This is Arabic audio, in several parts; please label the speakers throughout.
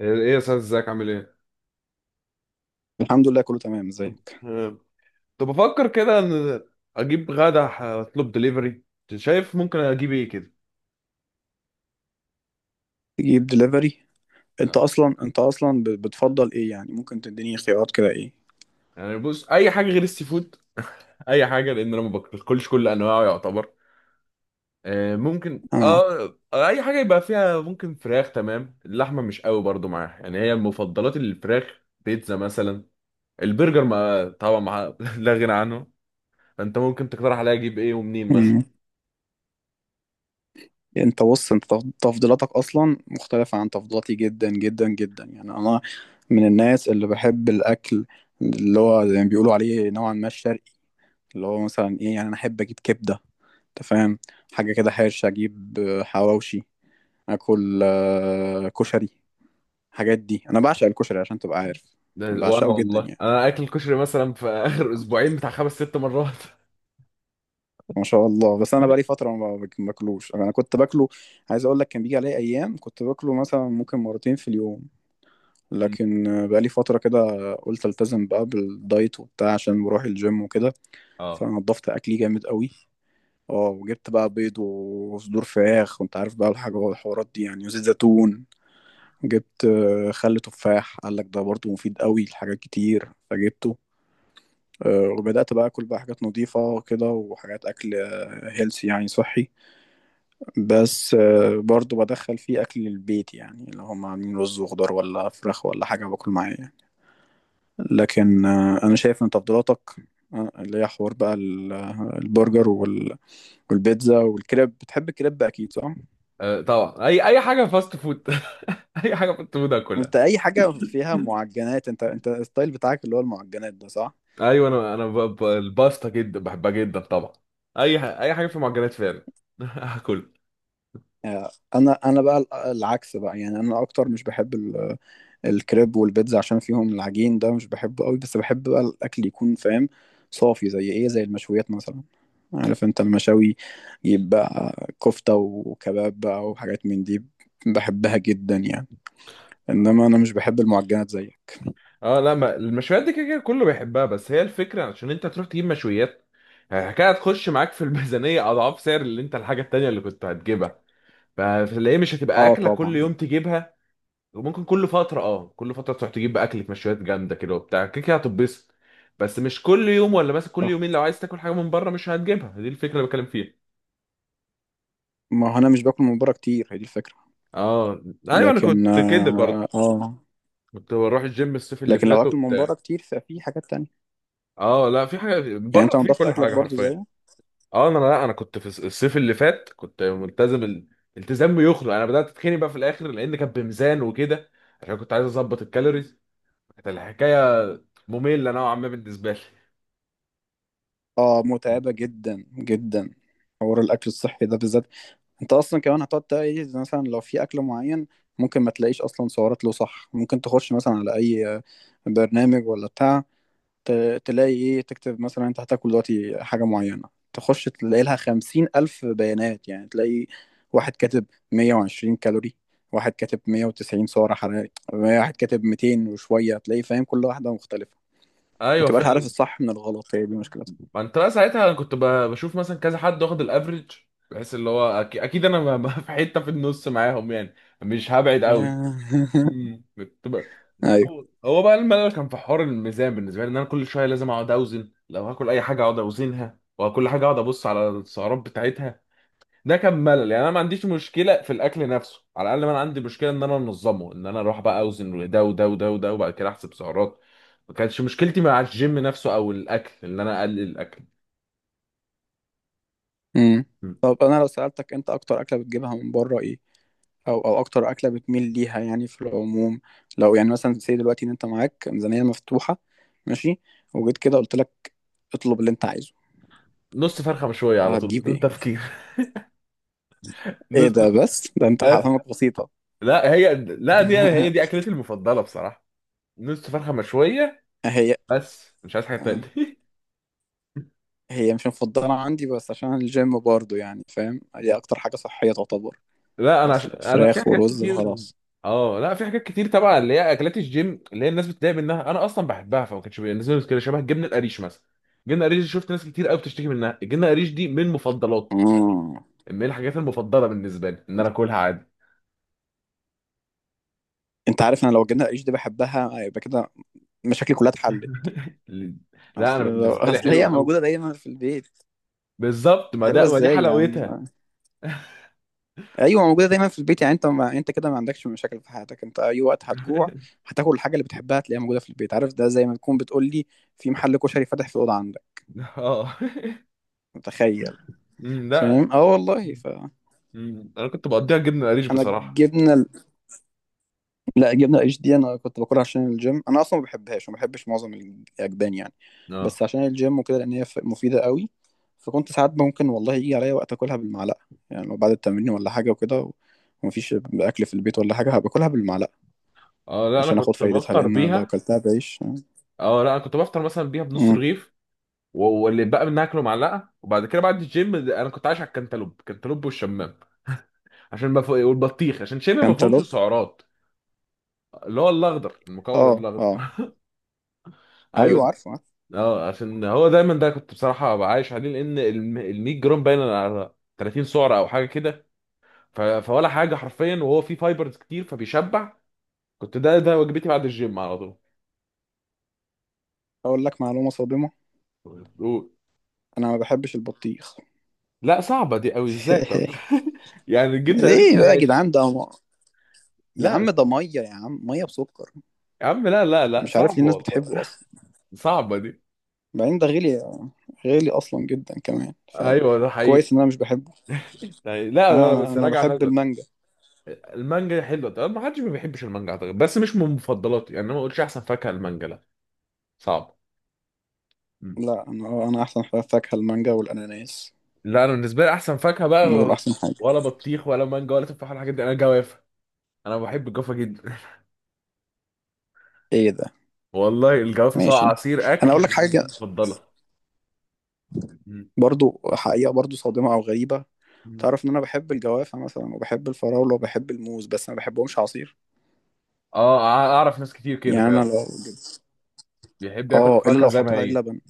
Speaker 1: ايه يا استاذ ازيك عامل ايه؟
Speaker 2: الحمد لله، كله تمام. ازيك؟
Speaker 1: أه، كنت بفكر كده ان اجيب غدا اطلب دليفري. شايف ممكن اجيب ايه كده؟
Speaker 2: تجيب دليفري؟ انت
Speaker 1: لا.
Speaker 2: اصلا انت اصلا بتفضل ايه؟ يعني ممكن تديني خيارات كده، ايه؟
Speaker 1: يعني بص اي حاجه غير السي فود. اي حاجه، لان انا ما باكلش كل انواعه يعتبر. أه، ممكن
Speaker 2: اه.
Speaker 1: اه اي حاجه يبقى فيها، ممكن فراخ، تمام، اللحمه مش قوي برضو معاها، يعني هي مفضلات الفراخ، بيتزا مثلا، البرجر ما طبعا ما لا غنى عنه. انت ممكن تقترح عليا اجيب ايه ومنين مثلا؟
Speaker 2: مم. انت بص، انت تفضيلاتك اصلا مختلفة عن تفضيلاتي جدا جدا جدا. يعني انا من الناس اللي بحب الاكل اللي هو زي ما بيقولوا عليه نوعا ما الشرقي. اللي هو مثلا ايه، يعني انا احب اجيب كبدة. انت فاهم؟ حاجة كده حرشة، اجيب حواوشي. اكل كشري. الحاجات دي انا بعشق الكشري عشان تبقى عارف.
Speaker 1: ده وانا
Speaker 2: بعشقه جدا
Speaker 1: والله
Speaker 2: يعني.
Speaker 1: انا اكل الكشري مثلا في اخر اسبوعين بتاع خمس ست مرات.
Speaker 2: ما شاء الله. بس انا بقالي فتره ما باكلوش، انا كنت باكله. عايز اقول لك، كان بيجي عليا ايام كنت باكله مثلا ممكن مرتين في اليوم.
Speaker 1: مم.
Speaker 2: لكن بقالي فتره كده. قلت التزم بقى بالدايت وبتاع، عشان بروح الجيم وكده.
Speaker 1: اه،
Speaker 2: فنضفت اكلي جامد قوي. اه، وجبت بقى بيض وصدور فراخ، وانت عارف بقى الحاجه والحوارات دي يعني، وزيت زيتون. جبت خل تفاح، قال لك ده برضه مفيد قوي لحاجات كتير، فجبته. وبدأت بقى أكل بقى حاجات نظيفة كده وحاجات أكل هيلثي، يعني صحي. بس برضو بدخل فيه أكل البيت، يعني لو هم عاملين رز وخضار ولا فراخ ولا حاجة باكل معايا يعني. لكن أنا شايف إن تفضيلاتك، اللي هي حوار بقى البرجر والبيتزا والكريب. بتحب الكريب أكيد صح؟
Speaker 1: طبعا اي حاجه فاست فود. اي حاجه فاست فود
Speaker 2: أنت
Speaker 1: اكلها.
Speaker 2: أي حاجة فيها معجنات، أنت الستايل بتاعك اللي هو المعجنات ده صح؟
Speaker 1: ايوه انا الباستا جدا بحبها جدا طبعا. اي حاجه في معجنات فعلا. هاكل.
Speaker 2: أنا بقى العكس بقى، يعني أنا أكتر مش بحب الكريب والبيتزا عشان فيهم العجين ده مش بحبه قوي. بس بحب بقى الاكل يكون فاهم، صافي، زي ايه، زي المشويات مثلا. عارف انت المشاوي، يبقى كفتة وكباب بقى وحاجات من دي، بحبها جدا يعني. انما انا مش بحب المعجنات زيك.
Speaker 1: اه لا، ما المشويات دي كده كده كله بيحبها، بس هي الفكره عشان انت تروح تجيب مشويات، الحكايه هتخش معاك في الميزانيه اضعاف سعر اللي انت الحاجه التانيه اللي كنت هتجيبها، فتلاقيه مش هتبقى
Speaker 2: اه
Speaker 1: اكله كل
Speaker 2: طبعا.
Speaker 1: يوم تجيبها. وممكن كل فترة، اه كل فترة تروح تجيب بقى أكلة مشويات جامدة كده وبتاع، كده كده هتتبسط. بس مش كل يوم ولا مثلا كل
Speaker 2: صح،
Speaker 1: يومين لو عايز تاكل حاجة من بره مش هتجيبها، دي الفكرة اللي بتكلم فيها.
Speaker 2: ما هو انا مش باكل من بره كتير، هي دي الفكرة.
Speaker 1: اه ايوه انا
Speaker 2: لكن
Speaker 1: كنت كده
Speaker 2: اه
Speaker 1: برضه،
Speaker 2: آه.
Speaker 1: كنت بروح الجيم الصيف اللي
Speaker 2: لكن لو
Speaker 1: فات
Speaker 2: اكل من
Speaker 1: وبتاع.
Speaker 2: بره كتير، ففي حاجات تانية.
Speaker 1: اه لا، في حاجة
Speaker 2: يعني
Speaker 1: بره،
Speaker 2: انت
Speaker 1: في
Speaker 2: نضفت
Speaker 1: كل
Speaker 2: اكلك
Speaker 1: حاجة
Speaker 2: برضو
Speaker 1: حرفيا.
Speaker 2: زيه؟
Speaker 1: اه انا، لا انا كنت في الصيف اللي فات كنت ملتزم التزام يخلق. انا بدأت اتخني بقى في الاخر لان كان بميزان وكده، عشان كنت عايز اظبط الكالوريز. كانت الحكاية مملة نوعا ما بالنسبة لي.
Speaker 2: اه، متعبة جدا جدا، حوار الاكل الصحي ده بالذات. انت اصلا كمان هتقعد تلاقي مثلا لو في اكل معين، ممكن ما تلاقيش اصلا سعرات له، صح؟ ممكن تخش مثلا على اي برنامج ولا بتاع، تلاقي ايه، تكتب مثلا انت هتاكل دلوقتي حاجة معينة، تخش تلاقي لها 50,000 بيانات يعني. تلاقي واحد كاتب 120 كالوري، واحد كاتب 190 سعر حراري، واحد كاتب 200 وشوية، تلاقي فاهم كل واحدة مختلفة. ما
Speaker 1: ايوه
Speaker 2: تبقاش عارف
Speaker 1: فعلا.
Speaker 2: الصح من الغلط، هي دي مشكلتها.
Speaker 1: ما انت بقى ساعتها انا كنت بشوف مثلا كذا حد واخد الافريج، بحيث اللي هو اكيد انا في حته في النص معاهم يعني، مش هبعد قوي. كنت بقى،
Speaker 2: ايوه.
Speaker 1: هو بقى الملل كان في حوار الميزان بالنسبه لي، ان انا كل شويه لازم اقعد اوزن، لو هاكل اي حاجه اقعد اوزنها، وكل حاجه اقعد ابص على السعرات بتاعتها. ده كان ملل، يعني انا ما عنديش مشكله في الاكل نفسه على الاقل، ما انا عندي مشكله ان انا انظمه، ان انا اروح بقى اوزن ده وده وده وده وبعد كده احسب سعرات. ما كانتش مشكلتي مع الجيم نفسه او الاكل ان انا اقلل الاكل.
Speaker 2: امم. طب انا لو سألتك، انت اكتر اكلة بتجيبها من بره ايه؟ او اكتر اكله بتميل ليها يعني في العموم، لو يعني مثلا سي دلوقتي ان انت معاك ميزانيه مفتوحه، ماشي، وجيت كده قلت لك اطلب اللي انت عايزه،
Speaker 1: نص فرخه مشويه على طول
Speaker 2: هتجيب
Speaker 1: بدون
Speaker 2: ايه؟
Speaker 1: تفكير.
Speaker 2: ايه
Speaker 1: نص.
Speaker 2: ده! بس ده انت
Speaker 1: بس.
Speaker 2: حرامك بسيطه.
Speaker 1: لا هي، لا دي أنا هي دي اكلتي المفضله بصراحه، نص فرخه مشويه
Speaker 2: هي
Speaker 1: بس، مش عايز حاجه
Speaker 2: آه.
Speaker 1: تانية.
Speaker 2: هي مش مفضله عندي، بس عشان الجيم برضه يعني فاهم، هي اكتر حاجه صحيه تعتبر.
Speaker 1: لا انا
Speaker 2: اصل
Speaker 1: انا في
Speaker 2: فراخ
Speaker 1: حاجات
Speaker 2: ورز
Speaker 1: كتير.
Speaker 2: وخلاص.
Speaker 1: اه لا في حاجات كتير طبعا، اللي هي اكلات الجيم اللي هي الناس بتتضايق منها انا اصلا بحبها، فما كانش بالنسبه لي مشكله، شبه الجبنه القريش مثلا. الجبنه القريش دي شفت ناس كتير قوي بتشتكي منها، الجبنه القريش دي من مفضلات،
Speaker 2: مم.
Speaker 1: من الحاجات المفضله بالنسبه لي ان انا اكلها عادي.
Speaker 2: انت عارف، انا لو جبنا العيش دي بحبها يبقى كده، مشاكلي كلها اتحلت.
Speaker 1: لا انا بالنسبه لي
Speaker 2: اصل هي
Speaker 1: حلوه قوي.
Speaker 2: موجوده دايما في البيت.
Speaker 1: بالظبط، ما
Speaker 2: حلوه
Speaker 1: ده ما دي
Speaker 2: ازاي يا
Speaker 1: حلاوتها.
Speaker 2: عم؟ ايوه، موجوده دايما في البيت. يعني انت، ما انت كده ما عندكش مشاكل في حياتك، انت اي وقت هتجوع هتاكل الحاجه اللي بتحبها، هتلاقيها موجوده في البيت. عارف ده زي ما تكون بتقول لي في محل كشري فاتح في الاوضه عندك.
Speaker 1: اه.
Speaker 2: متخيل؟
Speaker 1: لا.
Speaker 2: فاهم. اه والله.
Speaker 1: انا كنت بقضيها جبنه قريش
Speaker 2: انا
Speaker 1: بصراحه.
Speaker 2: الجبنه لا، الجبنه اتش دي انا كنت باكلها عشان الجيم، انا اصلا ما بحبهاش وما بحبش معظم الاجبان يعني.
Speaker 1: اه
Speaker 2: بس عشان الجيم وكده، لان هي مفيده قوي. فكنت ساعات ممكن والله يجي عليا وقت اكلها بالمعلقه. يعني لو بعد التمرين ولا حاجه وكده، ومفيش اكل في البيت ولا حاجه، هباكلها بالمعلقه
Speaker 1: اه، لا انا
Speaker 2: عشان اخد
Speaker 1: كنت
Speaker 2: فايدتها،
Speaker 1: بفطر
Speaker 2: لان لو
Speaker 1: بيها.
Speaker 2: كلتها بعيش.
Speaker 1: اه لا انا كنت بفطر مثلا بيها بنص
Speaker 2: امم
Speaker 1: رغيف. واللي بقى منها اكله معلقه، وبعد كده بعد الجيم انا كنت عايش على الكنتالوب، الكنتالوب والشمام، عشان ما فوق، والبطيخ عشان شبه ما فيهمش
Speaker 2: كانتالوب.
Speaker 1: السعرات. اللي هو الاخضر المكور
Speaker 2: اه،
Speaker 1: الاخضر.
Speaker 2: اه، ايوه،
Speaker 1: ايوه.
Speaker 2: عارفه، عارفه.
Speaker 1: اه عشان هو دايما ده كنت بصراحه ببقى عايش عليه، لان ال 100 جرام باين على 30 سعره او حاجه كده، فولا حاجه حرفيا، وهو فيه فايبرز كتير فبيشبع. كنت ده ده وجبتي بعد الجيم على طول.
Speaker 2: اقول لك معلومه صادمه.
Speaker 1: و-
Speaker 2: انا ما بحبش البطيخ.
Speaker 1: لا صعبة دي قوي ازاي طب؟ يعني جبنا قريش
Speaker 2: ليه بقى يا
Speaker 1: ماشي،
Speaker 2: جدعان ده يا
Speaker 1: لا
Speaker 2: عم ده ميه، يا عم، ميه بسكر.
Speaker 1: يا عم، لا لا لا
Speaker 2: مش عارف ليه
Speaker 1: صعبة
Speaker 2: الناس
Speaker 1: والله،
Speaker 2: بتحبه اصلا.
Speaker 1: صعبة دي.
Speaker 2: بعدين ده غالي، غالي اصلا جدا كمان.
Speaker 1: ايوه ده حقيقي.
Speaker 2: فكويس ان انا مش بحبه.
Speaker 1: يعني لا لا
Speaker 2: انا
Speaker 1: لا،
Speaker 2: انا,
Speaker 1: بس
Speaker 2: أنا
Speaker 1: راجع
Speaker 2: بحب
Speaker 1: نزل.
Speaker 2: المانجا.
Speaker 1: المانجا حلوة، طب ما حدش ما بيحبش المانجا اعتقد، بس مش من مفضلاتي، يعني انا ما اقولش احسن فاكهة المانجا، لا، صعب. مم.
Speaker 2: لا، انا احسن فاكهه المانجا والاناناس،
Speaker 1: لا انا بالنسبة لي احسن فاكهة
Speaker 2: هم دول
Speaker 1: بقى،
Speaker 2: احسن حاجه.
Speaker 1: ولا بطيخ ولا مانجا ولا تفاح ولا الحاجات دي، انا جوافة. انا بحب الجوافة جدا.
Speaker 2: ايه ده؟
Speaker 1: والله الجوافة سواء
Speaker 2: ماشي.
Speaker 1: عصير
Speaker 2: انا
Speaker 1: اكل
Speaker 2: اقول لك
Speaker 1: بالنسبة
Speaker 2: حاجه،
Speaker 1: لي مفضلة.
Speaker 2: برضو حقيقه، برضو صادمه او غريبه.
Speaker 1: مم.
Speaker 2: تعرف ان انا بحب الجوافه مثلا، وبحب الفراوله، وبحب الموز، بس ما بحبهمش عصير.
Speaker 1: اه اعرف ناس كتير كده
Speaker 2: يعني انا
Speaker 1: فعلا،
Speaker 2: لو،
Speaker 1: بيحب ياكل
Speaker 2: اه، الا
Speaker 1: الفاكهه
Speaker 2: لو
Speaker 1: زي ما
Speaker 2: حطيت عليه
Speaker 1: هي.
Speaker 2: لبن.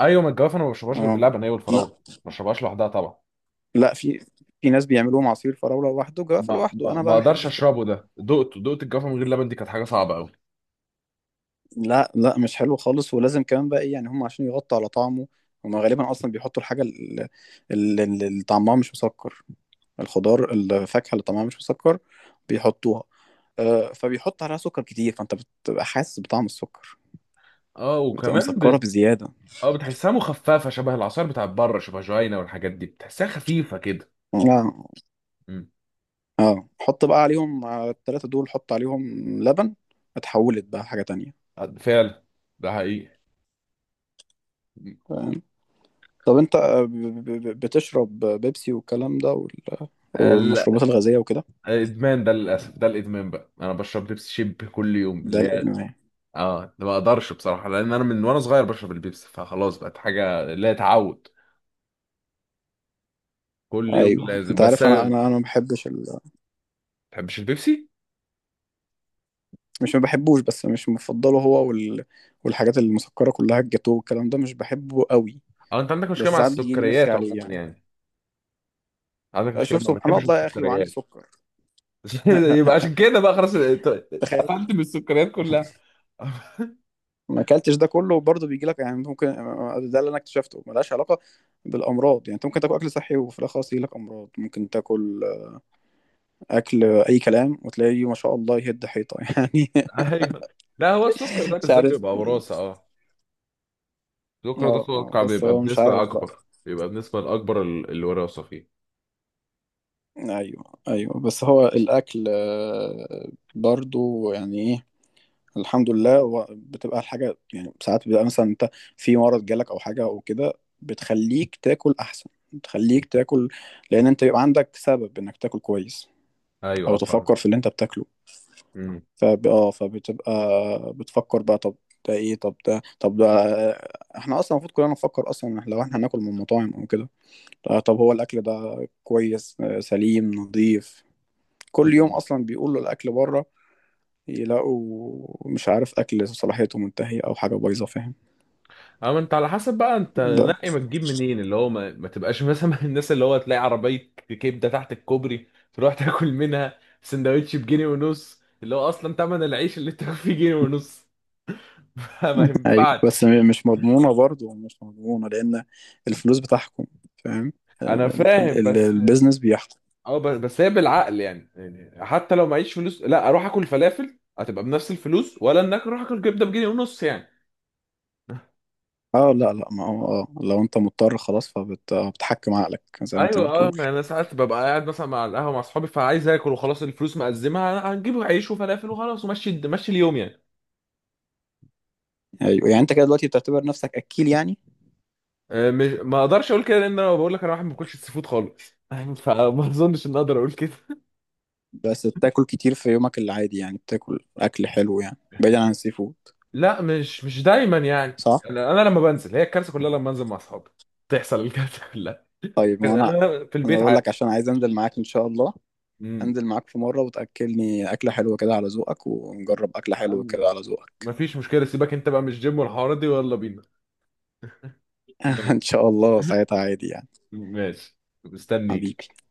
Speaker 1: ايوه من الجوافه انا ما بشربهاش غير
Speaker 2: اه.
Speaker 1: باللبن، هي
Speaker 2: لا،
Speaker 1: والفراوله. ما بشربهاش لوحدها طبعا.
Speaker 2: لا، في ناس بيعملوهم عصير فراوله لوحده، جوافه
Speaker 1: ما
Speaker 2: لوحده،
Speaker 1: ما
Speaker 2: انا
Speaker 1: ما
Speaker 2: بقى ما
Speaker 1: اقدرش
Speaker 2: بحبش كده.
Speaker 1: اشربه، ده دقته دقت الجوافه من غير لبن دي كانت حاجه صعبه قوي.
Speaker 2: لا، لا، مش حلو خالص. ولازم كمان بقى ايه يعني، هم عشان يغطوا على طعمه، هم غالبا اصلا بيحطوا الحاجه اللي، اللي طعمها مش مسكر، الخضار، الفاكهه اللي طعمها مش مسكر، بيحطوها. فبيحط عليها سكر كتير، فانت بتبقى حاسس بطعم السكر،
Speaker 1: اه
Speaker 2: بتبقى
Speaker 1: وكمان
Speaker 2: مسكره بزياده.
Speaker 1: اه بتحسها مخففه شبه العصير بتاع بره، شبه جوينا والحاجات دي بتحسها خفيفه كده.
Speaker 2: لا.
Speaker 1: امم
Speaker 2: اه، حط بقى عليهم، على التلاتة دول حط عليهم لبن، اتحولت بقى حاجة تانية.
Speaker 1: فعلا، ده حقيقي.
Speaker 2: فاهم؟ طب انت، بتشرب بيبسي والكلام ده
Speaker 1: ال-
Speaker 2: والمشروبات الغازية وكده؟
Speaker 1: الادمان ده للاسف، ده الادمان بقى، انا بشرب بيبسي شيب كل يوم
Speaker 2: ده
Speaker 1: لا.
Speaker 2: الادمان يعني.
Speaker 1: اه ده ما اقدرش بصراحه لان انا من وانا صغير بشرب البيبسي فخلاص بقت حاجه لا تعود، كل يوم
Speaker 2: ايوه،
Speaker 1: لازم،
Speaker 2: انت
Speaker 1: بس
Speaker 2: عارف انا
Speaker 1: ما
Speaker 2: ما بحبش
Speaker 1: بتحبش البيبسي.
Speaker 2: مش ما بحبوش، بس مش مفضله هو والحاجات المسكرة كلها، الجاتو والكلام ده مش بحبه قوي.
Speaker 1: اه انت عندك
Speaker 2: بس
Speaker 1: مشكله مع
Speaker 2: ساعات بتجيلي نفسي
Speaker 1: السكريات
Speaker 2: عليه
Speaker 1: عموما
Speaker 2: يعني.
Speaker 1: يعني، عندك مشكله
Speaker 2: شوف
Speaker 1: ما
Speaker 2: سبحان
Speaker 1: بتحبش
Speaker 2: الله يا اخي، وعندي
Speaker 1: السكريات.
Speaker 2: سكر.
Speaker 1: يبقى عشان كده بقى خلاص
Speaker 2: تخيل.
Speaker 1: قفلت من السكريات كلها.
Speaker 2: ما اكلتش ده كله برضه بيجي لك يعني، ممكن. ده اللي انا اكتشفته، ملهاش علاقه بالامراض. يعني انت ممكن تاكل اكل صحي وفي الاخر خلاص يجي لك امراض، ممكن تاكل اكل اي كلام وتلاقيه ما شاء الله يهد حيطه يعني.
Speaker 1: ايوه. لا هو السكر ده
Speaker 2: مش
Speaker 1: بالذات
Speaker 2: عارف
Speaker 1: بيبقى
Speaker 2: إيه.
Speaker 1: وراثه. اه السكر ده
Speaker 2: اه، اه،
Speaker 1: اتوقع
Speaker 2: بس
Speaker 1: بيبقى
Speaker 2: هو مش
Speaker 1: بنسبه
Speaker 2: عارف بقى.
Speaker 1: اكبر، بيبقى بنسبه الاكبر الوراثه فيه.
Speaker 2: ايوه، ايوه، بس هو الاكل برضه يعني ايه، الحمد لله، هو بتبقى الحاجة، يعني ساعات بيبقى مثلا انت في مرض جالك او حاجة او كده، بتخليك تاكل احسن، بتخليك تاكل، لان انت بيبقى عندك سبب انك تاكل كويس،
Speaker 1: ايوه
Speaker 2: او
Speaker 1: اه فاهم.
Speaker 2: تفكر في اللي انت بتاكله. فب... اه فبتبقى بتفكر بقى. طب ده ايه؟ طب ده، احنا اصلا المفروض كلنا نفكر اصلا لو احنا هناكل من مطاعم او كده، طب هو الاكل ده كويس، سليم، نظيف؟ كل يوم
Speaker 1: مم.
Speaker 2: اصلا بيقولوا الاكل بره، يلاقوا مش عارف اكل صلاحيته منتهيه او حاجه بايظه، فاهم؟
Speaker 1: اه ما انت على حسب بقى انت
Speaker 2: ده،
Speaker 1: نقي ما تجيب منين، اللي هو ما تبقاش مثلا من الناس اللي هو تلاقي عربية كبدة تحت الكوبري تروح تاكل منها سندوتش بجنيه ونص، اللي هو اصلا تمن العيش اللي انت فيه جنيه ونص. ما
Speaker 2: ايوه، بس
Speaker 1: ينفعش.
Speaker 2: مش مضمونه، برضه مش مضمونه، لان الفلوس بتحكم. فاهم؟
Speaker 1: انا فاهم بس،
Speaker 2: البيزنس بيحكم.
Speaker 1: اه بس هي بالعقل يعني. يعني حتى لو معيش فلوس لا اروح اكل فلافل هتبقى بنفس الفلوس، ولا انك اروح اكل كبدة بجنيه ونص يعني.
Speaker 2: اه، لا، لا، ما هو لو انت مضطر خلاص، فبتحكم عقلك زي ما انت
Speaker 1: ايوه اه،
Speaker 2: بتقول.
Speaker 1: يعني انا ساعات ببقى قاعد مثلا مع القهوه مع اصحابي فعايز اكل وخلاص، الفلوس مقزمه هنجيب عيش وفلافل وخلاص، ومشي مشي اليوم يعني.
Speaker 2: ايوه، يعني انت كده دلوقتي بتعتبر نفسك اكيل يعني؟
Speaker 1: مش، ما اقدرش اقول كده، لان انا بقول لك انا واحد ما باكلش السي فود خالص، فما اظنش ان اقدر اقول كده.
Speaker 2: بس بتاكل كتير في يومك العادي، يعني بتاكل اكل حلو، يعني بعيدا عن السي فود.
Speaker 1: لا مش مش دايما يعني.
Speaker 2: صح.
Speaker 1: أنا لما بنزل هي الكارثه كلها، لما انزل مع اصحابي تحصل الكارثه كلها.
Speaker 2: طيب
Speaker 1: لكن
Speaker 2: ما انا،
Speaker 1: انا في
Speaker 2: انا
Speaker 1: البيت
Speaker 2: بقول
Speaker 1: عادي.
Speaker 2: لك عشان عايز انزل معاك ان شاء الله.
Speaker 1: امم.
Speaker 2: انزل معاك في مرة وتأكلني أكلة حلوة كده على ذوقك، ونجرب أكلة حلوة
Speaker 1: أم-
Speaker 2: كده على ذوقك.
Speaker 1: مفيش مشكله، سيبك انت بقى مش جيم والحوارات دي، ويلا بينا. ماشي
Speaker 2: ان شاء الله، ساعتها عادي يعني.
Speaker 1: ماشي. مستنيك.
Speaker 2: حبيبي.